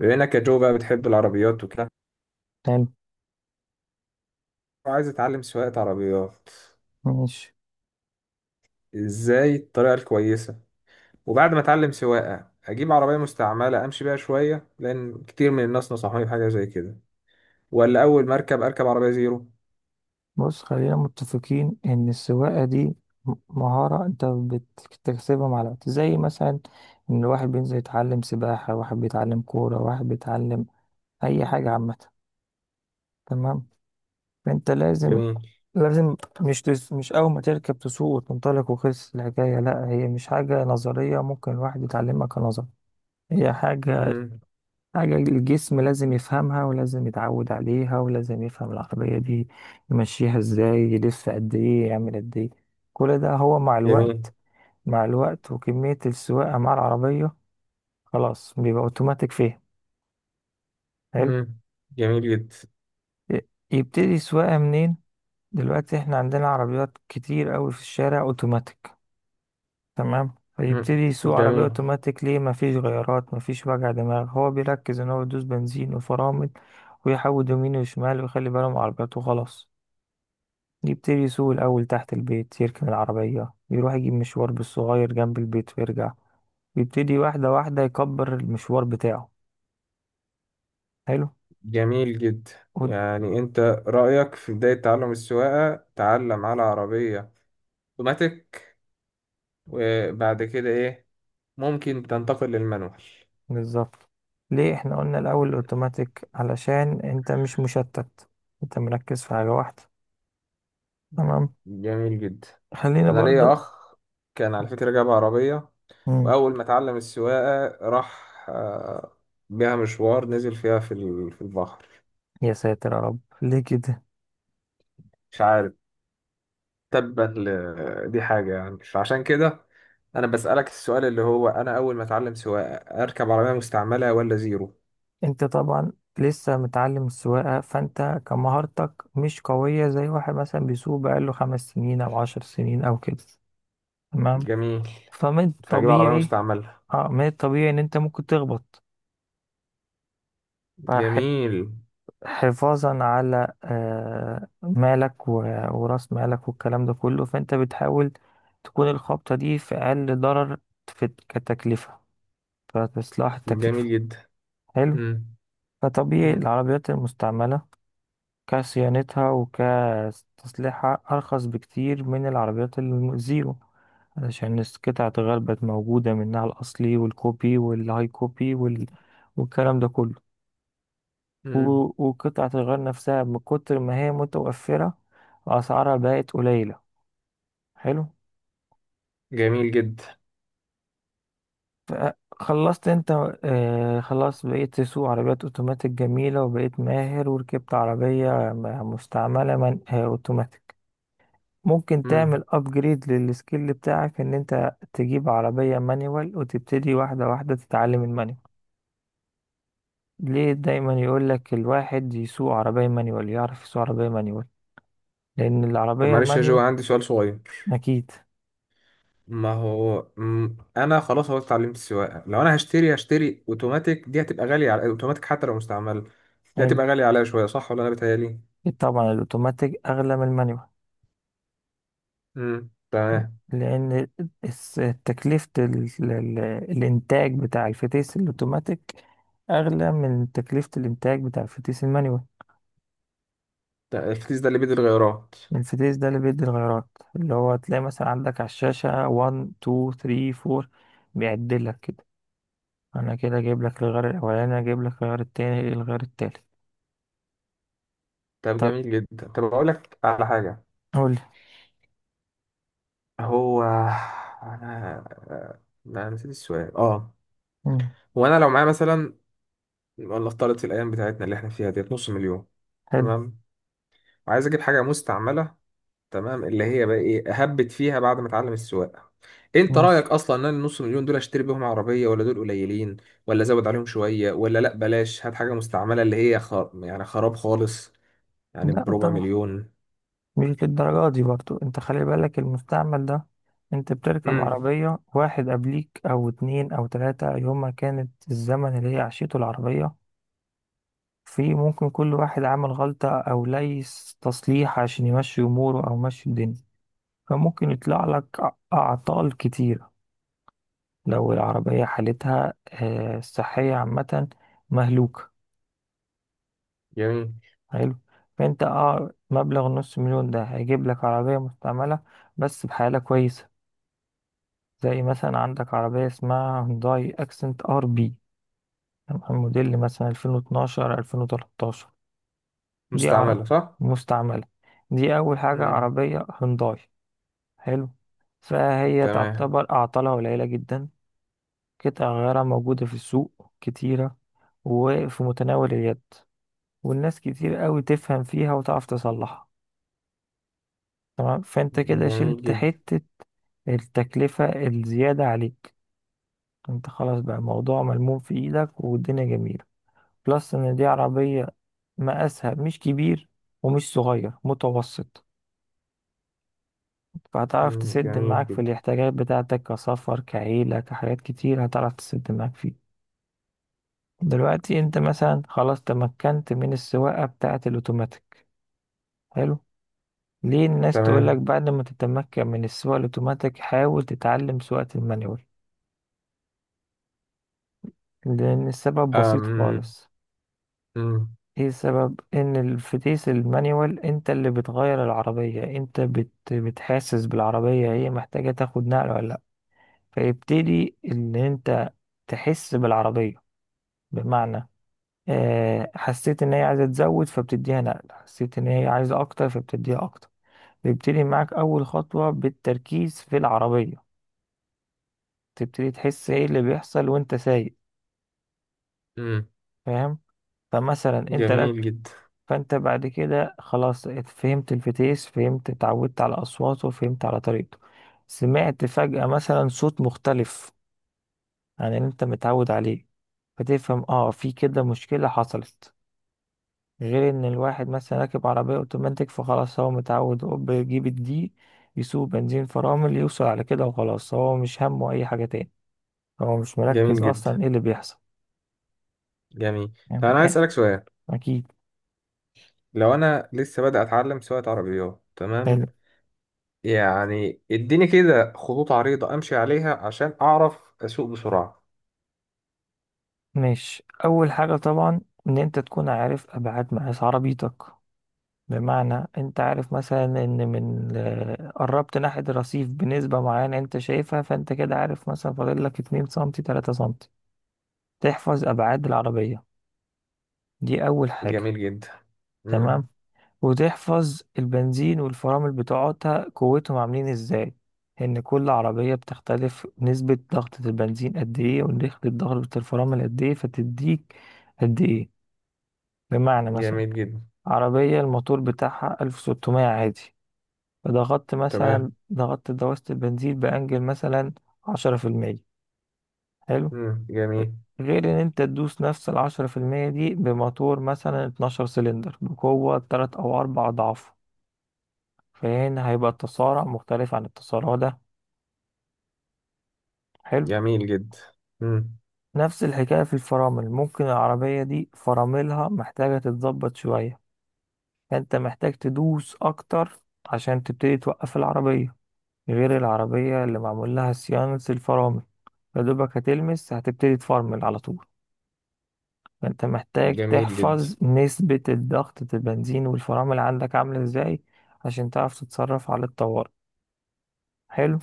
بما انك يا جو بقى بتحب العربيات وكده، حلو. وعايز اتعلم سواقة عربيات، ماشي. ازاي الطريقة الكويسة؟ وبعد ما اتعلم سواقة اجيب عربية مستعملة امشي بيها شوية لان كتير من الناس نصحوني بحاجة زي كده، ولا اول ما اركب اركب عربية زيرو؟ بص، خلينا متفقين ان السواقة دي مهارة انت بتكتسبها مع الوقت، زي مثلا ان واحد بينزل يتعلم سباحة، واحد بيتعلم كورة، واحد بيتعلم اي حاجة عامة. تمام. فانت لازم جميل. لازم مش اول ما تركب تسوق وتنطلق وخلص الحكاية. لا، هي مش حاجة نظرية ممكن الواحد يتعلمها كنظر، هي مم. حاجة الجسم لازم يفهمها، ولازم يتعود عليها، ولازم يفهم العربية دي يمشيها ازاي، يلف قد ايه، يعمل قد ايه. كل ده هو مع جميل. الوقت، مع الوقت وكمية السواقة مع العربية. خلاص بيبقى اوتوماتيك فيها. حلو. مم. جميل جدا. ي- يبتدي السواقة منين؟ دلوقتي احنا عندنا عربيات كتير قوي في الشارع اوتوماتيك، تمام؟ مم. فيبتدي يسوق عربية جميل. اوتوماتيك. ليه؟ مفيش غيارات، مفيش وجع دماغ، هو بيركز ان هو يدوس بنزين وفرامل ويحود يمين وشمال ويخلي باله من عربيته وخلاص. يبتدي يسوق الأول تحت البيت، يركن العربية، يروح يجيب مشوار بالصغير جنب البيت ويرجع. يبتدي واحدة واحدة يكبر المشوار بتاعه. حلو. جميل جدا. ود- يعني انت رأيك في بداية تعلم السواقة تعلم على عربية اوتوماتيك، وبعد كده ايه؟ ممكن تنتقل للمانوال؟ بالظبط. ليه احنا قلنا الأول الأوتوماتيك؟ علشان انت مش مشتت، انت مركز في حاجة واحدة. تمام. جميل جدا. خلينا انا برضو. ليا اخ كان على فكره جاب عربيه، مم. واول ما اتعلم السواقه راح بيها مشوار، نزل فيها في البحر. يا ساتر يا رب، ليه كده؟ مش عارف. تبا دي حاجه يعني مش عشان كده. انا بسالك السؤال اللي هو انا اول ما اتعلم سواقه اركب عربيه مستعمله ولا زيرو؟ انت طبعا لسه متعلم السواقة، فانت كمهارتك مش قوية زي واحد مثلا بيسوق بقاله خمس سنين او 10 سنين او كده. تمام. جميل. فمن فاجيب عربيه الطبيعي، مستعمله. اه، من الطبيعي ان انت ممكن تخبط. جميل. فحفاظا على مالك وراس مالك والكلام ده كله، فانت بتحاول تكون الخبطة دي في اقل ضرر، في كتكلفة، فتصلح جميل التكلفة. جدا. حلو. مم. فطبيعي مم. العربيات المستعملة كصيانتها وكتصليحها أرخص بكتير من العربيات الزيرو، علشان قطع الغيار بقت موجودة، منها الأصلي والكوبي والهاي كوبي والكلام ده كله. و... مم. وقطعة الغيار نفسها من كتر ما هي متوفرة، أسعارها بقت قليلة. حلو. جميل جدا. ف- خلصت انت؟ آه، خلاص بقيت تسوق عربيات اوتوماتيك جميلة، وبقيت ماهر وركبت عربية مستعملة من اوتوماتيك. ممكن مم. تعمل ابجريد للسكيل بتاعك، ان انت تجيب عربية مانيوال وتبتدي واحدة واحدة تتعلم المانيوال. ليه دايما يقولك الواحد يسوق عربية مانيوال يعرف يسوق عربية مانيوال؟ لان طب العربية معلش يا جو، المانيوال، عندي سؤال صغير. اكيد. ما هو انا خلاص هو اتعلمت السواقه، لو انا هشتري اوتوماتيك، دي هتبقى غاليه على اوتوماتيك حتى لو مستعمل، دي حلو. هتبقى غاليه عليا شويه، صح ولا انا بتهيالي؟ طبعا الاوتوماتيك اغلى من المانيوال، امم. تمام. لان تكلفة ال- الانتاج بتاع الفتيس الاوتوماتيك اغلى من تكلفة الانتاج بتاع الفتيس المانيوال. ده الكيس ده اللي بيد الغيارات؟ الانفتيز ده اللي بيدي الغيارات، اللي هو تلاقي مثلا عندك على الشاشة 1 2 3 4، بيعدل لك كده. انا كده جايب لك الغيار الاولاني، جايب لك الغيار التاني، الغيار التالت. طب طب جميل جدا. طب اقول لك على حاجه. قول لي. هو انا انا نسيت السؤال، اه. مم. هو انا لو معايا مثلا، ولا افترض في الايام بتاعتنا اللي احنا فيها ديت نص مليون، حلو. تمام. وعايز اجيب حاجه مستعمله، تمام، اللي هي بقى ايه هبت فيها بعد ما اتعلم السواقه. انت ماشي. رايك اصلا ان انا النص مليون دول اشتري بيهم عربيه ولا دول قليلين، ولا ازود عليهم شويه، ولا لا بلاش هات حاجه مستعمله اللي هي يعني خراب خالص، يعني لا بربع طبعا، مليون. مش للدرجة دي. برضو انت خلي بالك، المستعمل ده انت بتركب امم. عربية واحد قبليك او اتنين او تلاتة، يوم ما كانت الزمن اللي هي عشيته العربية، في ممكن كل واحد عمل غلطة او ليس تصليح عشان يمشي اموره او يمشي الدنيا. فممكن يطلع لك أعطال كتيرة لو العربية حالتها، الصحية عامة، مهلوكة. جميل. حلو. فأنت، اه، مبلغ نص مليون ده هيجيب لك عربية مستعملة بس بحالة كويسة. زي مثلا عندك عربية اسمها هونداي أكسنت ار بي، تمام؟ موديل مثلا 2012، 2013. دي عربية مستعمله صح. مستعملة. دي أول حاجة، امم. عربية هونداي. حلو. فهي تمام. تعتبر أعطالها قليلة جدا، قطع غيارها موجودة في السوق كتيرة، وفي متناول اليد، والناس كتير قوي تفهم فيها وتعرف تصلحها. تمام. فانت كده جميل شلت جدا. حتة التكلفة الزيادة عليك. انت خلاص بقى الموضوع ملموم في ايدك، والدنيا جميلة. بلس ان دي عربية مقاسها مش كبير ومش صغير، متوسط. فهتعرف امم. تسد جميل معاك في جدا. الاحتياجات بتاعتك، كسفر، كعيلة، كحاجات كتير هتعرف تسد معاك فيها. دلوقتي انت مثلا خلاص تمكنت من السواقة بتاعة الاوتوماتيك. حلو. ليه الناس تقولك تمام. بعد ما تتمكن من السواقة الاوتوماتيك حاول تتعلم سواقة المانيوال؟ لان السبب بسيط امم. خالص. امم. ايه السبب؟ ان الفتيس المانيوال انت اللي بتغير العربية، انت بتحسس بالعربية هي محتاجة تاخد نقل ولا لا. فيبتدي ان انت تحس بالعربية، بمعنى حسيت ان هي عايزة تزود فبتديها نقل، حسيت ان هي عايزة اكتر فبتديها اكتر. تبتدي معاك أول خطوة بالتركيز في العربية، تبتدي تحس إيه اللي بيحصل وأنت سايق. أمم. فاهم؟ فمثلا أنت جميل لك، جدا. فأنت بعد كده خلاص فهمت الفتيس، فهمت اتعودت على أصواته، فهمت على طريقته. سمعت فجأة مثلا صوت مختلف عن اللي أنت متعود عليه، فتفهم اه في كده مشكلة حصلت. غير ان الواحد مثلا راكب عربية اوتوماتيك، فخلاص هو متعود، هو بيجيب الدي، يسوق بنزين فرامل، يوصل على كده وخلاص. هو مش همه اي حاجة تاني، هو مش جميل مركز جدا. اصلا ايه اللي بيحصل. جميل. يعني طب انا عايز إيه؟ اسالك سؤال. اكيد. لو انا لسه بادئ اتعلم سواقه عربيات، تمام. حلو. يعني اديني كده خطوط عريضة امشي عليها عشان اعرف اسوق بسرعة. ماشي. اول حاجه طبعا ان انت تكون عارف ابعاد مقاس عربيتك. بمعنى انت عارف مثلا ان من، قربت ناحيه الرصيف بنسبه معينه انت شايفها، فانت كده عارف مثلا فاضل لك 2 سم 3 سم. تحفظ ابعاد العربيه، دي اول حاجه. جميل جدا. مم. تمام. وتحفظ البنزين والفرامل بتوعتها قوتهم عاملين ازاي، ان كل عربية بتختلف نسبة ضغطة البنزين قد ايه ونسبة ضغطة الفرامل قد ايه، فتديك قد ايه. بمعنى مثلا جميل جدا. عربية الموتور بتاعها 1600 عادي، فضغطت مثلا، تمام. ضغطت دواسة البنزين بأنجل مثلا 10%. حلو. مم. جميل. غير ان انت تدوس نفس العشرة في المية دي بموتور مثلا 12 سلندر بقوة تلات او اربع اضعاف، فهنا هيبقى التصارع مختلف عن التصارع ده. حلو. جميل جدا. مم. نفس الحكاية في الفرامل، ممكن العربية دي فراملها محتاجة تتظبط شوية، فأنت محتاج تدوس أكتر عشان تبتدي توقف العربية. غير العربية اللي معمول لها صيانة الفرامل، فدوبك هتلمس هتبتدي تفرمل على طول. فأنت محتاج جميل جدا. تحفظ نسبة الضغط البنزين والفرامل عندك عاملة ازاي، عشان تعرف تتصرف على الطوارئ. حلو.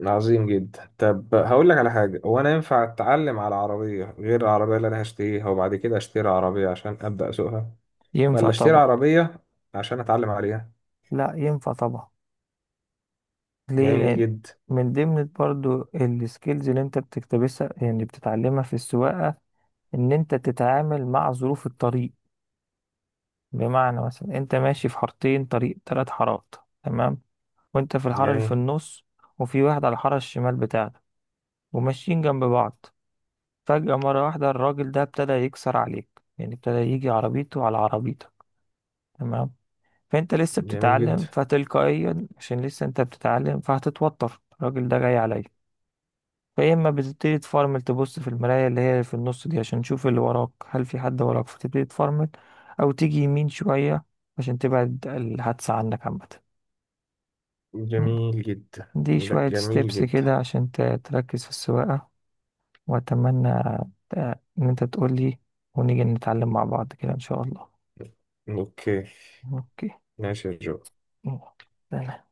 عظيم جدا. طب هقول لك على حاجة. هو انا ينفع اتعلم على عربية غير العربية اللي انا هشتريها وبعد كده اشتري عربية عشان ابدأ اسوقها؟ ينفع ولا اشتري طبعا. عربية عشان اتعلم عليها؟ لا ينفع طبعا. ليه؟ جميل لان جدا. من ضمن برضو السكيلز اللي انت بتكتبسها، يعني بتتعلمها في السواقه، ان انت تتعامل مع ظروف الطريق. بمعنى مثلا انت ماشي في حارتين، طريق 3 حارات، تمام؟ وانت في الحاره اللي في جميل. النص، وفي واحد على الحاره الشمال بتاعتك وماشيين جنب بعض. فجاه مره واحده الراجل ده ابتدى يكسر عليك، يعني ابتدى يجي عربيته على عربيتك، تمام؟ فانت لسه جميل جدا. بتتعلم، فتلقائيا عشان لسه انت بتتعلم فهتتوتر، الراجل ده جاي عليا. فيا اما بتبتدي تفرمل، تبص في المراية اللي هي في النص دي عشان تشوف اللي وراك، هل في حد وراك، فتبتدي تفرمل، او تيجي يمين شوية عشان تبعد الحادثة عنك عامة. جميل جدا. دي لا، شوية جميل ستيبس جدا. كده عشان تركز في السواقة. وأتمنى، ت- إن أنت تقولي، ونيجي نتعلم مع بعض كده إن شاء الله. اوكي. أوكي. ماشي يا جو. يلا.